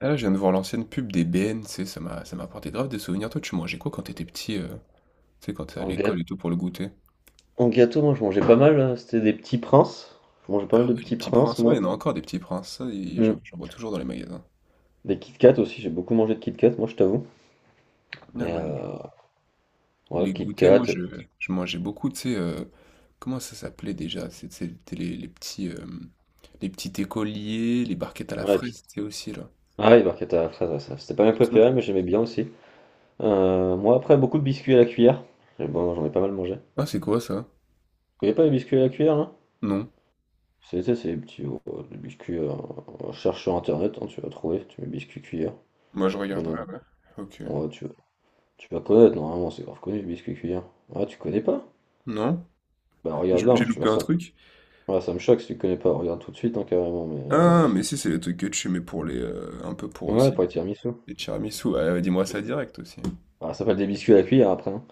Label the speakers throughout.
Speaker 1: Ah là, je viens de voir l'ancienne pub des BN, tu sais, ça m'a apporté grave des souvenirs. Toi, tu mangeais quoi quand t'étais petit, tu sais, quand t'es à
Speaker 2: En
Speaker 1: l'école et
Speaker 2: gâteau,
Speaker 1: tout pour le goûter?
Speaker 2: en gâteau, moi je mangeais pas mal, c'était des petits princes. Je mangeais pas mal
Speaker 1: Ah
Speaker 2: de
Speaker 1: ouais, les
Speaker 2: petits
Speaker 1: petits
Speaker 2: princes,
Speaker 1: princes, ouais, il y
Speaker 2: moi.
Speaker 1: en a encore des petits princes, ça, et j'en
Speaker 2: Mm.
Speaker 1: j'en vois toujours dans les magasins.
Speaker 2: Des Kit Kat aussi, j'ai beaucoup mangé de Kit Kat, moi je t'avoue.
Speaker 1: Ouais,
Speaker 2: Et
Speaker 1: moi,
Speaker 2: ouais,
Speaker 1: les
Speaker 2: Kit
Speaker 1: goûters,
Speaker 2: Kat.
Speaker 1: je mangeais beaucoup, tu sais, comment ça s'appelait déjà? C'était les petits écoliers, les barquettes à la
Speaker 2: Ouais,
Speaker 1: fraise, tu sais, aussi, là.
Speaker 2: ah, les barquettes à la fraise, ouais, ça, c'était pas mes
Speaker 1: Tu te souviens.
Speaker 2: préférés, mais j'aimais bien aussi. Moi après, beaucoup de biscuits à la cuillère. Et bon, j'en ai pas mal mangé. Vous
Speaker 1: Ah, c'est quoi, ça?
Speaker 2: connaissez pas les biscuits à la cuillère, là?
Speaker 1: Non.
Speaker 2: C'est les biscuits, cherche sur internet, hein, tu vas trouver, tu mets biscuits cuillère.
Speaker 1: Moi, je
Speaker 2: Mais non,
Speaker 1: regarderai, ouais. Ok.
Speaker 2: ouais, tu vas connaître, normalement, c'est grave connu, le biscuit cuillère. Ah, tu connais pas?
Speaker 1: Non?
Speaker 2: Bah regarde là,
Speaker 1: J'ai
Speaker 2: hein, je
Speaker 1: loupé
Speaker 2: suis
Speaker 1: un
Speaker 2: sûr.
Speaker 1: truc?
Speaker 2: Ouais, ça me choque si tu connais pas, regarde tout de suite, hein, carrément, mais
Speaker 1: Ah,
Speaker 2: si
Speaker 1: mais
Speaker 2: tu-
Speaker 1: si, c'est les trucs que tu mets pour les, un peu pour
Speaker 2: ouais,
Speaker 1: aussi
Speaker 2: pour les tiramisu.
Speaker 1: les tiramisu. Ouais, ouais, dis-moi ça
Speaker 2: C'est-
Speaker 1: direct aussi.
Speaker 2: Ah, ça s'appelle des biscuits à la cuillère après, hein.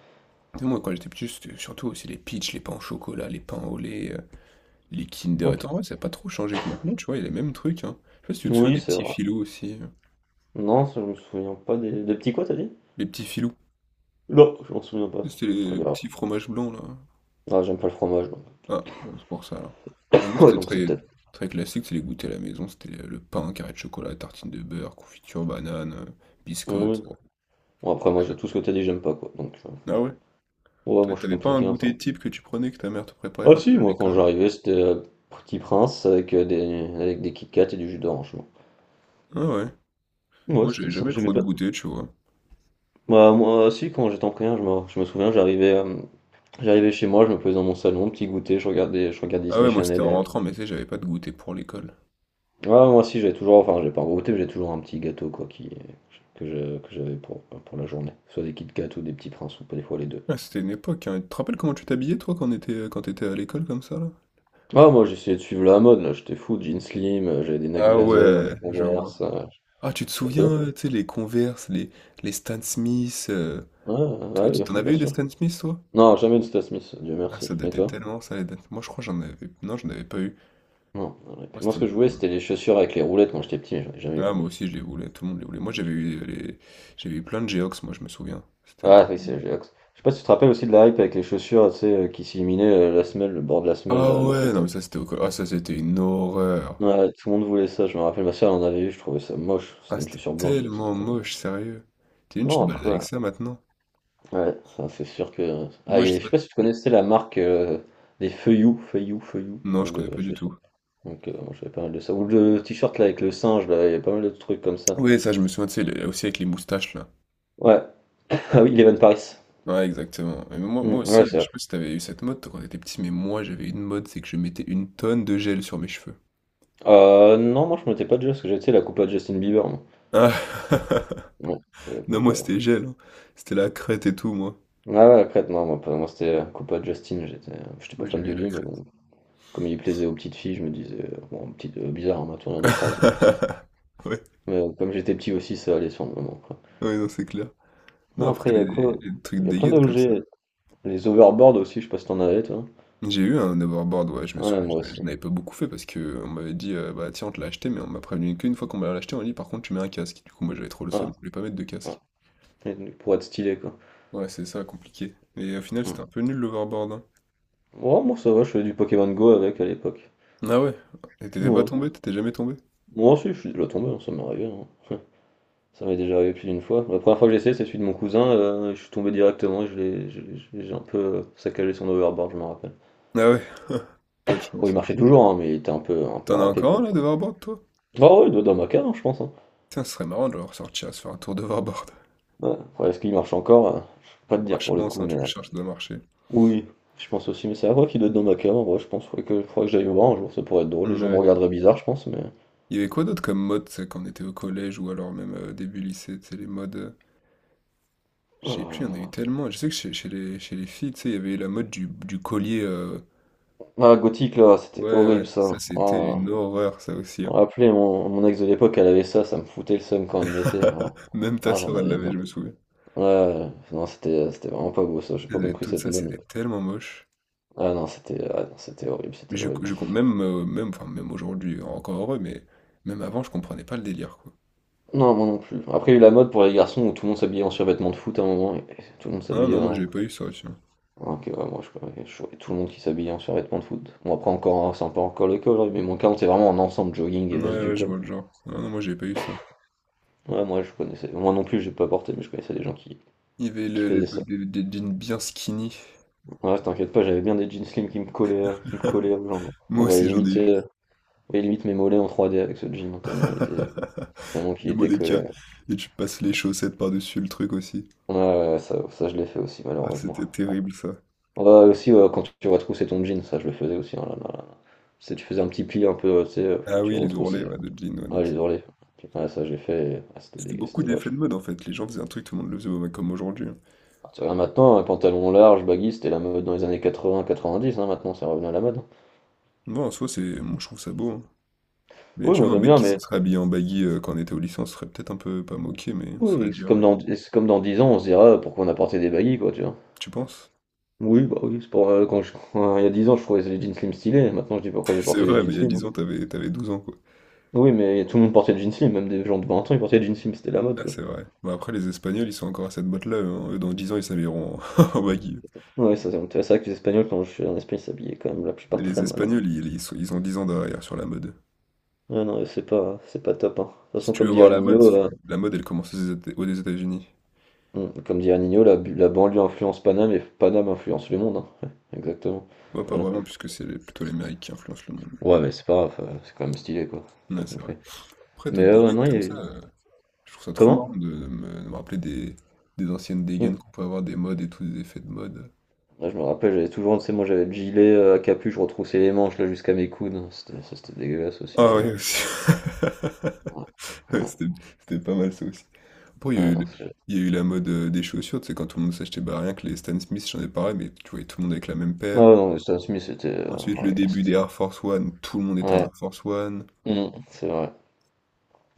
Speaker 1: Tu sais, moi, quand j'étais petit, c'était surtout aussi les peach, les pains au chocolat, les pains au lait, les Kinder. Et
Speaker 2: Ok.
Speaker 1: tout, en vrai, ça n'a pas trop changé que maintenant, tu vois, il y a les mêmes trucs, hein. Je sais pas si tu te souviens
Speaker 2: Oui,
Speaker 1: des
Speaker 2: c'est
Speaker 1: petits
Speaker 2: vrai.
Speaker 1: filous aussi,
Speaker 2: Non, ça, je me souviens pas des petits, quoi, t'as dit?
Speaker 1: Les petits filous.
Speaker 2: Non, je m'en souviens pas.
Speaker 1: C'était
Speaker 2: Je
Speaker 1: les
Speaker 2: regarde.
Speaker 1: petits fromages blancs, là.
Speaker 2: Ah, j'aime pas le fromage, donc.
Speaker 1: Ah, ouais, c'est pour ça, là. Par exemple,
Speaker 2: Ouais,
Speaker 1: c'était
Speaker 2: donc c'est
Speaker 1: très,
Speaker 2: peut-être.
Speaker 1: très classique, c'est les goûters à la maison. C'était le pain, carré de chocolat, tartine de beurre, confiture, banane, biscotte.
Speaker 2: Oui. Bon, après, moi, tout ce que t'as dit, j'aime pas, quoi. Donc,
Speaker 1: Ah ouais?
Speaker 2: ouais,
Speaker 1: Toi,
Speaker 2: moi, je suis
Speaker 1: t'avais pas un
Speaker 2: compliqué un peu.
Speaker 1: goûter type que tu prenais, que ta mère te préparait
Speaker 2: Ah,
Speaker 1: quand
Speaker 2: si,
Speaker 1: t'allais à
Speaker 2: moi, quand
Speaker 1: l'école?
Speaker 2: j'arrivais, c'était Petit Prince avec avec des Kit Kat et du jus d'orange,
Speaker 1: Ah ouais.
Speaker 2: moi. Ouais,
Speaker 1: Moi, j'avais
Speaker 2: c'était ça,
Speaker 1: jamais
Speaker 2: j'aimais
Speaker 1: trop de
Speaker 2: pas.
Speaker 1: goûter, tu vois.
Speaker 2: Bah, moi, si, quand j'étais en primaire, je me souviens, j'arrivais chez moi, je me posais dans mon salon, petit goûter, je regardais
Speaker 1: Ah
Speaker 2: Disney
Speaker 1: ouais, moi, c'était
Speaker 2: Channel.
Speaker 1: en rentrant, mais tu sais, j'avais pas de goûter pour l'école.
Speaker 2: Ah, moi aussi, j'avais toujours, enfin, j'ai pas un gros goûter, mais j'ai toujours un petit gâteau, quoi, que j'avais pour la journée. Soit des Kit Kat ou des petits princes, ou pas des fois les deux.
Speaker 1: Ah, c'était une époque, hein. Tu te rappelles comment tu t'habillais, toi, quand t'étais à l'école, comme ça, là?
Speaker 2: Ah, moi, j'essayais de suivre la mode, là, j'étais fou, jeans slim, j'avais des Nike
Speaker 1: Ah
Speaker 2: Blazer,
Speaker 1: ouais,
Speaker 2: des
Speaker 1: je vois.
Speaker 2: Converse,
Speaker 1: Ah, tu te
Speaker 2: et
Speaker 1: souviens,
Speaker 2: toi?
Speaker 1: tu sais, les Stan Smith,
Speaker 2: Ouais, ah oui,
Speaker 1: t'en
Speaker 2: enfin, bien
Speaker 1: avais eu des
Speaker 2: sûr.
Speaker 1: Stan Smith, toi?
Speaker 2: Non, jamais de Stan Smith, Dieu
Speaker 1: Ah,
Speaker 2: merci.
Speaker 1: ça
Speaker 2: Et
Speaker 1: datait
Speaker 2: toi?
Speaker 1: tellement, ça, les dates. Moi, je crois que j'en avais... Non, j'en avais pas eu.
Speaker 2: Non, non, et
Speaker 1: Moi,
Speaker 2: puis moi, ce
Speaker 1: c'était...
Speaker 2: que je
Speaker 1: ma-
Speaker 2: voulais, c'était les chaussures avec les roulettes quand j'étais petit, mais j'en ai jamais eu.
Speaker 1: Ah, moi aussi, je les voulais, tout le monde les voulait. Moi, j'avais eu les... J'avais eu plein de Geox, moi, je me souviens. C'était un peu...
Speaker 2: Ah oui, c'est Ajax. Je sais pas si tu te rappelles aussi de la hype avec les chaussures, tu sais, qui s'illuminaient, la semelle, le bord de la semelle,
Speaker 1: Ah
Speaker 2: là, le
Speaker 1: ouais, non
Speaker 2: côté.
Speaker 1: mais ça c'était au col- Ah ça c'était une horreur.
Speaker 2: Ouais, tout le monde voulait ça, je me rappelle, ma soeur en avait eu, je trouvais ça moche,
Speaker 1: Ah
Speaker 2: c'était une
Speaker 1: c'était
Speaker 2: chaussure blanche avec ça.
Speaker 1: tellement moche, sérieux. T'imagines, tu te
Speaker 2: Non,
Speaker 1: balades avec
Speaker 2: après,
Speaker 1: ça maintenant?
Speaker 2: ouais, enfin, c'est sûr que. Ah,
Speaker 1: Moi je
Speaker 2: et
Speaker 1: sais
Speaker 2: je
Speaker 1: pas.
Speaker 2: sais pas si tu connaissais la marque des feuillous,
Speaker 1: Non, je
Speaker 2: donc,
Speaker 1: connais
Speaker 2: de
Speaker 1: pas du
Speaker 2: chaussures.
Speaker 1: tout.
Speaker 2: Donc, moi, j'avais pas mal de ça. Ou le t-shirt là avec le singe, là, il y a pas mal de trucs comme ça.
Speaker 1: Oui, ça je me souviens, tu sais, aussi avec les moustaches là.
Speaker 2: Ouais, ah oui, Eleven Paris.
Speaker 1: Ouais, exactement. Mais moi,
Speaker 2: Mm,
Speaker 1: moi
Speaker 2: ouais,
Speaker 1: aussi,
Speaker 2: c'est
Speaker 1: je
Speaker 2: vrai.
Speaker 1: sais pas si t'avais eu cette mode toi, quand t'étais petit, mais moi j'avais une mode, c'est que je mettais une tonne de gel sur mes cheveux.
Speaker 2: Non, moi je m'en étais pas déjà, parce que j'étais la coupe à Justin Bieber, moi.
Speaker 1: Ah.
Speaker 2: Ouais, j'ai la
Speaker 1: Non,
Speaker 2: coupe.
Speaker 1: moi c'était gel, hein. C'était la crête et tout, moi.
Speaker 2: Ouais, ouais, après, non, moi, moi, c'était Coupa Justin, j'étais pas
Speaker 1: Moi
Speaker 2: fan
Speaker 1: j'avais
Speaker 2: de
Speaker 1: la
Speaker 2: lui, mais
Speaker 1: crête.
Speaker 2: bon, comme il plaisait aux petites filles, je me disais, bon, bizarre, hein, ma tournure de phrase, mais,
Speaker 1: Ouais,
Speaker 2: mais, euh, comme j'étais petit aussi, ça allait sur le moment, quoi.
Speaker 1: ouais, non, c'est clair. Non,
Speaker 2: Non, après,
Speaker 1: après,
Speaker 2: il y a quoi?
Speaker 1: les trucs
Speaker 2: Il y a plein
Speaker 1: dégaines comme ça.
Speaker 2: d'objets, les overboards aussi, je sais pas si t'en avais, toi.
Speaker 1: J'ai eu un hoverboard, ouais, je me
Speaker 2: Ouais,
Speaker 1: souviens,
Speaker 2: moi
Speaker 1: j'en avais
Speaker 2: aussi.
Speaker 1: j'en avais pas beaucoup fait parce que on m'avait dit, bah tiens, on te l'a acheté, mais on m'a prévenu qu'une fois qu'on m'a l'acheté, on m'a dit, par contre, tu mets un casque. Du coup, moi, j'avais trop le seum,
Speaker 2: Ah,
Speaker 1: je voulais pas mettre de
Speaker 2: ouais.
Speaker 1: casque.
Speaker 2: Et pour être stylé, quoi.
Speaker 1: Ouais, c'est ça, compliqué. Et au final,
Speaker 2: Hmm.
Speaker 1: c'était un peu nul l'overboard, hein.
Speaker 2: Ouais, moi, ça va, je faisais du Pokémon Go avec à l'époque.
Speaker 1: Ah ouais? Et t'étais pas
Speaker 2: Ouais.
Speaker 1: tombé? T'étais jamais tombé?
Speaker 2: Moi aussi, je suis déjà tombé, hein, ça m'est arrivé, hein. Ça m'est déjà arrivé plus d'une fois. La première fois que j'ai essayé, c'est celui de mon cousin, je suis tombé directement et j'ai un peu saccagé son overboard, je me rappelle.
Speaker 1: Ah ouais? Pas de
Speaker 2: Bon,
Speaker 1: chance,
Speaker 2: il
Speaker 1: ouais.
Speaker 2: marchait toujours, hein, mais il était un peu
Speaker 1: T'en as
Speaker 2: râpé,
Speaker 1: encore
Speaker 2: quoi.
Speaker 1: un, là, d'overboard, toi?
Speaker 2: Ah ouais, il doit être dans ma cave, hein, je pense, hein.
Speaker 1: Tiens, ce serait marrant de le ressortir, à se faire un tour d'overboard.
Speaker 2: Ouais. Après, est-ce qu'il marche encore? Je peux pas te
Speaker 1: Ouais,
Speaker 2: dire
Speaker 1: je
Speaker 2: pour le
Speaker 1: pense,
Speaker 2: coup,
Speaker 1: hein, tu
Speaker 2: mais
Speaker 1: le cherches, ça doit marcher.
Speaker 2: oui, je pense aussi. Mais c'est à vrai qu'il doit être dans ma cave, en vrai, je pense. Faudrait que j'aille le voir un jour, ça pourrait être drôle. Les
Speaker 1: Mm,
Speaker 2: gens me
Speaker 1: ouais.
Speaker 2: regarderaient bizarre, je pense, mais.
Speaker 1: Il y avait quoi d'autre comme mode, tu sais, quand on était au collège ou alors même début lycée, tu sais, les modes. Je sais plus, il y en a eu
Speaker 2: Ah,
Speaker 1: tellement. Je sais que chez les filles, tu sais, il y avait la mode du collier,
Speaker 2: Ah, Gothic, là, c'était
Speaker 1: ouais,
Speaker 2: horrible,
Speaker 1: ouais,
Speaker 2: ça.
Speaker 1: ça c'était
Speaker 2: Ah,
Speaker 1: une horreur, ça aussi, hein.
Speaker 2: rappelez, mon ex de l'époque, elle avait ça, ça me foutait le seum quand elle le mettait. Ah,
Speaker 1: Même ta
Speaker 2: ah, j'en
Speaker 1: sœur, elle
Speaker 2: avais.
Speaker 1: l'avait,
Speaker 2: Ouais,
Speaker 1: je me souviens.
Speaker 2: ouais. Non, c'était vraiment pas beau, ça, j'ai
Speaker 1: Elles
Speaker 2: pas
Speaker 1: avaient
Speaker 2: compris
Speaker 1: tout
Speaker 2: cette
Speaker 1: ça,
Speaker 2: mode,
Speaker 1: c'était tellement moche.
Speaker 2: Ah non, c'était horrible,
Speaker 1: Mais
Speaker 2: c'était horrible.
Speaker 1: même, enfin, même aujourd'hui, encore heureux, mais même avant, je comprenais pas le délire, quoi.
Speaker 2: Non, moi non plus. Après, il y a eu la mode pour les garçons où tout le monde s'habillait en survêtement de foot à un moment, et tout le monde
Speaker 1: Ah
Speaker 2: s'habillait
Speaker 1: non, moi j'ai
Speaker 2: en.
Speaker 1: pas eu ça aussi, hein.
Speaker 2: Ah, ok, ouais, moi je voyais tout le monde qui s'habillait en survêtement de foot. Bon, après, encore, c'est un peu encore le cas aujourd'hui, mais mon cas, c'est vraiment en ensemble jogging et
Speaker 1: Ouais,
Speaker 2: veste du
Speaker 1: ouais, je
Speaker 2: club.
Speaker 1: vois le genre. Ah non, moi j'ai pas eu ça.
Speaker 2: Ouais, moi je connaissais. Moi non plus, j'ai pas porté, mais je connaissais des gens qui,
Speaker 1: Il y avait
Speaker 2: qui faisaient ça.
Speaker 1: l'époque des jeans bien skinny.
Speaker 2: Ouais, t'inquiète pas, j'avais bien des jeans slim qui me collaient aux jambes.
Speaker 1: Moi
Speaker 2: On voyait
Speaker 1: aussi j'en ai
Speaker 2: limite,
Speaker 1: eu.
Speaker 2: euh, on voyait limite mes mollets en 3D avec ce jean, tellement il était. Tellement qu'il
Speaker 1: Le
Speaker 2: était
Speaker 1: Moleca.
Speaker 2: collé.
Speaker 1: Et tu passes les chaussettes par-dessus le truc aussi.
Speaker 2: Ouais, ouais, ouais, ça, je l'ai fait aussi,
Speaker 1: Ah,
Speaker 2: malheureusement.
Speaker 1: c'était
Speaker 2: Ouais.
Speaker 1: terrible ça.
Speaker 2: Ouais, aussi, ouais, quand tu retroussais ton jean, ça, je le faisais aussi, hein, là, là, là. Tu faisais un petit pli un peu, tu sais,
Speaker 1: Ah
Speaker 2: tu
Speaker 1: oui, les
Speaker 2: retroussais.
Speaker 1: ourlets ouais, de jean, ouais, non,
Speaker 2: Ouais,
Speaker 1: c'est-
Speaker 2: les ourlets. Ouais, ça, j'ai fait. Ah, c'était
Speaker 1: C'était
Speaker 2: dégueu,
Speaker 1: beaucoup
Speaker 2: c'était
Speaker 1: d'effets
Speaker 2: moche.
Speaker 1: de mode en fait. Les gens faisaient un truc, tout le monde le faisait ouais, comme aujourd'hui, hein.
Speaker 2: Ah, tu regardes maintenant, un pantalon large, baggy, c'était la mode dans les années 80-90, hein, maintenant, c'est revenu à la mode, hein.
Speaker 1: Non, en soi, c'est... moi, je trouve ça beau, hein. Mais
Speaker 2: Oui,
Speaker 1: tu
Speaker 2: moi,
Speaker 1: vois, un
Speaker 2: j'aime
Speaker 1: mec
Speaker 2: bien,
Speaker 1: qui se
Speaker 2: mais
Speaker 1: serait habillé en baggy quand on était au lycée, on se serait peut-être un peu pas moqué, mais on se serait
Speaker 2: oui,
Speaker 1: dit,
Speaker 2: c'est
Speaker 1: ah ouais,
Speaker 2: comme dans 10 ans, on se dira, ah, pourquoi on a porté des baggy, quoi, tu vois.
Speaker 1: tu penses?
Speaker 2: Oui, bah oui, c'est pour. Quand je- Il y a 10 ans, je trouvais les jeans slim stylés, maintenant, je dis pourquoi j'ai
Speaker 1: C'est
Speaker 2: porté des
Speaker 1: vrai,
Speaker 2: jeans
Speaker 1: mais il y a
Speaker 2: slim.
Speaker 1: 10 ans, t'avais 12 ans quoi.
Speaker 2: Oui, mais tout le monde portait des jeans slim, même des gens de 20 ans, ils portaient des jeans slim, c'était la mode,
Speaker 1: Ah,
Speaker 2: quoi.
Speaker 1: c'est vrai. Bah, après, les Espagnols, ils sont encore à cette botte-là, hein. Eux, dans 10 ans, ils s'habilleront en en baggy.
Speaker 2: Ouais, ça c'est vrai que les Espagnols, quand je suis en Espagne, ils s'habillaient quand même la plupart
Speaker 1: Mais les
Speaker 2: très mal, hein.
Speaker 1: Espagnols, ils ont 10 ans derrière sur la mode.
Speaker 2: Ouais, non, c'est pas top, hein. De toute
Speaker 1: Si
Speaker 2: façon,
Speaker 1: tu veux
Speaker 2: comme dit
Speaker 1: voir la mode,
Speaker 2: Anino,
Speaker 1: faut- la mode, elle commence aux États-Unis.
Speaker 2: la, la banlieue influence Paname et Paname influence le monde, hein. Ouais, exactement.
Speaker 1: Ouais, pas
Speaker 2: Voilà.
Speaker 1: vraiment, puisque c'est plutôt les Amériques qui influencent le monde.
Speaker 2: Ouais, mais c'est pas grave, c'est quand même stylé, quoi. T'as
Speaker 1: Ouais, c'est vrai.
Speaker 2: compris.
Speaker 1: Après, d'autres
Speaker 2: Ouais,
Speaker 1: dégaines
Speaker 2: non, il y a
Speaker 1: comme ça,
Speaker 2: eu-
Speaker 1: je trouve ça trop
Speaker 2: comment?
Speaker 1: marrant de me rappeler des anciennes
Speaker 2: Mm.
Speaker 1: dégaines qu'on peut avoir, des modes et tout, des effets de mode.
Speaker 2: Là, je me rappelle, j'avais toujours, tu sais, moi j'avais le gilet à capuche, je retroussais les manches là jusqu'à mes coudes, hein. Ça, c'était dégueulasse aussi,
Speaker 1: Ah
Speaker 2: d'ailleurs.
Speaker 1: ouais, aussi.
Speaker 2: Ouais,
Speaker 1: Ouais,
Speaker 2: ouais,
Speaker 1: c'était pas mal ça aussi. Après,
Speaker 2: ouais, non,
Speaker 1: il y a eu la mode des chaussures, tu sais, quand tout le monde s'achetait bah, rien que les Stan Smith, j'en ai parlé, mais tu voyais tout le monde avec la même
Speaker 2: Ah
Speaker 1: paire.
Speaker 2: ouais, non, mais Stan Smith, c'était.
Speaker 1: Ensuite,
Speaker 2: Ah
Speaker 1: le
Speaker 2: ouais,
Speaker 1: début des Air Force One, tout le monde était en
Speaker 2: ouais,
Speaker 1: Air Force One.
Speaker 2: mm, c'est vrai.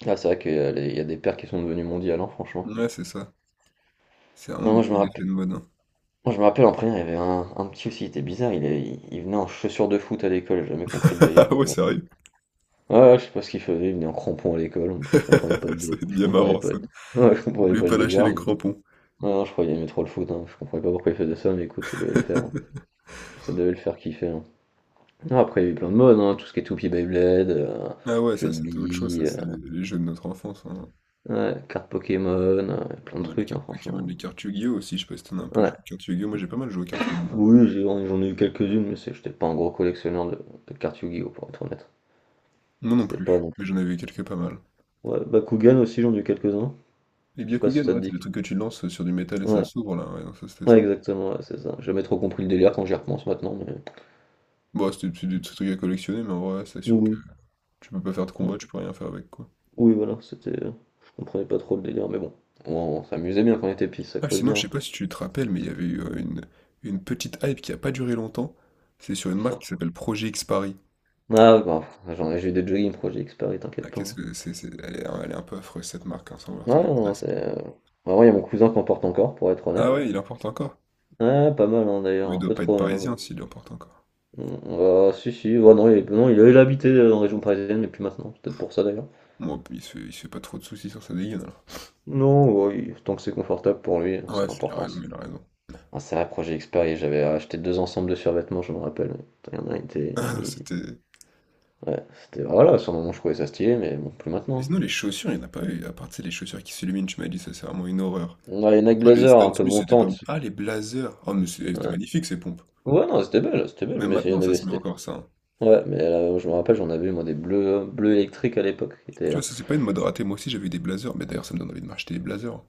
Speaker 2: Ah, c'est vrai qu'il y a il y a des pères qui sont devenus mondiales, hein, franchement.
Speaker 1: Ouais, c'est ça. C'est vraiment
Speaker 2: Non, moi, je
Speaker 1: beaucoup
Speaker 2: me
Speaker 1: d'effets
Speaker 2: rappelle,
Speaker 1: de mode, hein.
Speaker 2: moi, je me rappelle en première, il y avait un petit aussi, il était bizarre, il venait en chaussures de foot à l'école, j'ai jamais compris le délire.
Speaker 1: Ah ouais,
Speaker 2: Ouais,
Speaker 1: sérieux?
Speaker 2: ouais, ouais, je sais pas ce qu'il faisait, il venait en crampons à l'école, je comprenais pas le délire.
Speaker 1: Ça va être
Speaker 2: Je
Speaker 1: bien
Speaker 2: comprenais
Speaker 1: marrant,
Speaker 2: pas
Speaker 1: ça.
Speaker 2: le, Ouais, je
Speaker 1: Vous
Speaker 2: comprenais
Speaker 1: voulez
Speaker 2: pas le
Speaker 1: pas lâcher
Speaker 2: délire,
Speaker 1: les crampons.
Speaker 2: Ouais, non, je croyais qu'il aimait trop le foot, hein, je comprenais pas pourquoi il faisait ça, mais écoute, ça devait le faire, hein. Ça devait le faire kiffer, hein. Non, après, il y a eu plein de modes, hein, tout ce qui est Toupie Beyblade,
Speaker 1: Ah ouais,
Speaker 2: jeu
Speaker 1: ça
Speaker 2: de
Speaker 1: c'était autre chose, ça
Speaker 2: billes.
Speaker 1: c'est les jeux de notre enfance, hein.
Speaker 2: Ouais, cartes Pokémon, plein de
Speaker 1: Ouais, les
Speaker 2: trucs,
Speaker 1: cartes
Speaker 2: hein,
Speaker 1: Pokémon,
Speaker 2: franchement.
Speaker 1: les cartes Yu-Gi-Oh! Aussi, je sais pas si t'en as un peu
Speaker 2: Ouais.
Speaker 1: joué aux cartes Yu-Gi-Oh! Moi j'ai pas mal joué aux cartes Yu-Gi-Oh!
Speaker 2: Oui, j'en ai eu quelques-unes, mais j'étais pas un gros collectionneur de cartes Yu-Gi-Oh, pour être honnête.
Speaker 1: Moi non
Speaker 2: C'était pas
Speaker 1: plus,
Speaker 2: non plus.
Speaker 1: mais j'en avais quelques pas mal.
Speaker 2: Ouais, Bakugan aussi, j'en ai eu quelques-uns.
Speaker 1: Et
Speaker 2: Je sais pas si
Speaker 1: Byakugan,
Speaker 2: ça te
Speaker 1: ouais, c'est
Speaker 2: dit.
Speaker 1: le truc que tu lances sur du métal et ça
Speaker 2: Ouais,
Speaker 1: s'ouvre là, ouais, non, ça c'était
Speaker 2: ouais,
Speaker 1: simple.
Speaker 2: exactement, ouais, c'est ça. J'ai jamais trop compris le délire quand j'y repense maintenant, mais.
Speaker 1: Bon, c'est des petits trucs à collectionner, mais en vrai, c'est sûr que
Speaker 2: Oui.
Speaker 1: tu peux pas faire de
Speaker 2: Oui,
Speaker 1: combat, tu peux rien faire avec quoi.
Speaker 2: Oui, voilà, c'était. Je comprenais pas trop le délire, mais bon. On s'amusait bien quand on était petits, c'est ça qu'il
Speaker 1: Ah,
Speaker 2: faut se
Speaker 1: sinon, je
Speaker 2: dire.
Speaker 1: sais pas si tu te rappelles, mais il y avait eu une petite hype qui a pas duré longtemps. C'est sur une marque
Speaker 2: Ça.
Speaker 1: qui s'appelle Projet X Paris.
Speaker 2: Ah, ouais, bah, j'ai eu des jogging Project X Paris,
Speaker 1: Ah,
Speaker 2: t'inquiète pas,
Speaker 1: qu'est-ce
Speaker 2: hein.
Speaker 1: que c'est, elle est un peu affreuse cette marque, hein, sans vouloir te
Speaker 2: Ouais,
Speaker 1: manquer de
Speaker 2: non, c'est.
Speaker 1: respect.
Speaker 2: Vraiment, il y a mon cousin qui en porte encore, pour être
Speaker 1: Ah
Speaker 2: honnête.
Speaker 1: ouais, il importe encore.
Speaker 2: Ah, pas mal, hein, d'ailleurs,
Speaker 1: Mais il
Speaker 2: un
Speaker 1: doit
Speaker 2: peu
Speaker 1: pas être
Speaker 2: trop même, hein.
Speaker 1: parisien s'il importe encore.
Speaker 2: Mm, ah, si, si, ouais, non, il, non, il habitait en région parisienne, mais plus maintenant, c'est peut-être pour ça d'ailleurs.
Speaker 1: Moi, il se fait pas trop de soucis sur sa dégaine alors.
Speaker 2: Non, ouais, tant que c'est confortable pour lui,
Speaker 1: Ah
Speaker 2: c'est
Speaker 1: ouais, il a
Speaker 2: l'important, ça.
Speaker 1: raison, il a raison.
Speaker 2: Un sérieux projet Xperia, j'avais acheté deux ensembles de survêtements, je me rappelle. Il y en a, il était.
Speaker 1: C'était.
Speaker 2: Ouais, c'était. Voilà, sur le moment, je trouvais ça stylé, mais bon, plus
Speaker 1: Et
Speaker 2: maintenant,
Speaker 1: sinon, les chaussures, il n'y en a pas eu. À part, tu sais, les chaussures qui s'illuminent, tu m'as dit, ça, c'est vraiment une horreur.
Speaker 2: hein. Ouais, une Nike
Speaker 1: Pourquoi les
Speaker 2: Blazer,
Speaker 1: Stan
Speaker 2: un peu
Speaker 1: Smith, c'était pas.
Speaker 2: montante.
Speaker 1: Ah, les blazers. Oh, c'était
Speaker 2: Ouais,
Speaker 1: magnifique, ces pompes.
Speaker 2: ouais, non, c'était belle,
Speaker 1: Même
Speaker 2: mais il y
Speaker 1: maintenant,
Speaker 2: en
Speaker 1: ça
Speaker 2: avait,
Speaker 1: se met
Speaker 2: c'était.
Speaker 1: encore, ça, hein.
Speaker 2: Ouais, mais là, je me rappelle, j'en avais, moi, des bleus, bleus électriques à l'époque, qui étaient,
Speaker 1: Tu vois,
Speaker 2: hein.
Speaker 1: ça, c'est pas une mode ratée. Moi aussi, j'avais eu des blazers. Mais d'ailleurs, ça me donne envie de m'acheter des blazers.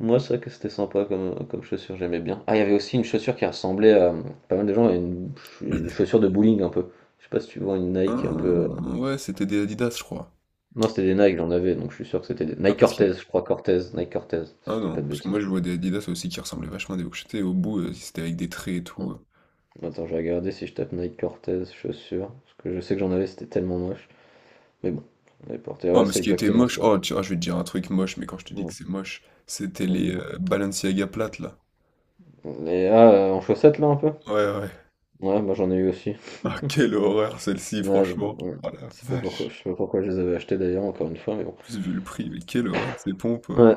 Speaker 2: Moi, c'est vrai que c'était sympa comme chaussure, j'aimais bien. Ah, il y avait aussi une chaussure qui ressemblait à pas mal de gens à une chaussure de bowling un peu. Je sais pas si tu vois une Nike un peu,
Speaker 1: Hein, ouais, c'était des Adidas, je crois.
Speaker 2: non, c'était des Nike, j'en avais, donc je suis sûr que c'était des
Speaker 1: Ah,
Speaker 2: Nike
Speaker 1: parce que
Speaker 2: Cortez, je crois Cortez, Nike Cortez,
Speaker 1: Ah
Speaker 2: si je dis
Speaker 1: non,
Speaker 2: pas de
Speaker 1: parce que moi
Speaker 2: bêtises.
Speaker 1: je vois des Adidas aussi qui ressemblaient vachement à des Bourchette, et au bout c'était avec des traits et
Speaker 2: Hein.
Speaker 1: tout.
Speaker 2: Attends, je vais regarder si je tape Nike Cortez chaussures, parce que je sais que j'en avais, c'était tellement moche. Mais bon, on les portait,
Speaker 1: Oh
Speaker 2: ouais,
Speaker 1: mais
Speaker 2: c'est
Speaker 1: ce qui était
Speaker 2: exactement
Speaker 1: moche,
Speaker 2: ça.
Speaker 1: oh tu vois, je vais te dire un truc moche, mais quand je te dis que
Speaker 2: Ouais,
Speaker 1: c'est moche, c'était les
Speaker 2: absolument.
Speaker 1: Balenciaga plates là.
Speaker 2: Et ah, en chaussettes là un peu?
Speaker 1: Ouais ouais.
Speaker 2: Ouais, moi j'en ai eu aussi.
Speaker 1: Ah quelle horreur celle-ci
Speaker 2: Ouais,
Speaker 1: franchement.
Speaker 2: ouais.
Speaker 1: Oh la
Speaker 2: Je sais pas pourquoi,
Speaker 1: vache.
Speaker 2: je sais pas pourquoi je les avais achetées d'ailleurs, encore une fois, mais bon.
Speaker 1: En plus vu le prix, mais quelle horreur ces pompes.
Speaker 2: Ouais.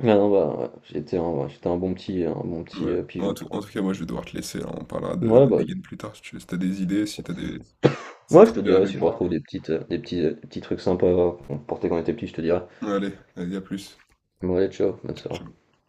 Speaker 2: Ah non, bah, ouais, ouais, j'étais un bon petit
Speaker 1: Ouais.
Speaker 2: pigeon
Speaker 1: En
Speaker 2: pour.
Speaker 1: tout cas moi je vais devoir te laisser, là, on parlera
Speaker 2: Ouais,
Speaker 1: de
Speaker 2: bah,
Speaker 1: dégaine plus tard si tu veux. Si t'as des idées, si t'as des... Si ça
Speaker 2: moi
Speaker 1: te
Speaker 2: je te
Speaker 1: revient à la
Speaker 2: dirais si je
Speaker 1: mémoire.
Speaker 2: retrouve des petites, des petits trucs sympas, qu'on portait quand on était petit, je te dirais.
Speaker 1: Allez, allez, à plus.
Speaker 2: Bon, allez, ciao, bonne
Speaker 1: Ciao,
Speaker 2: soirée.
Speaker 1: ciao.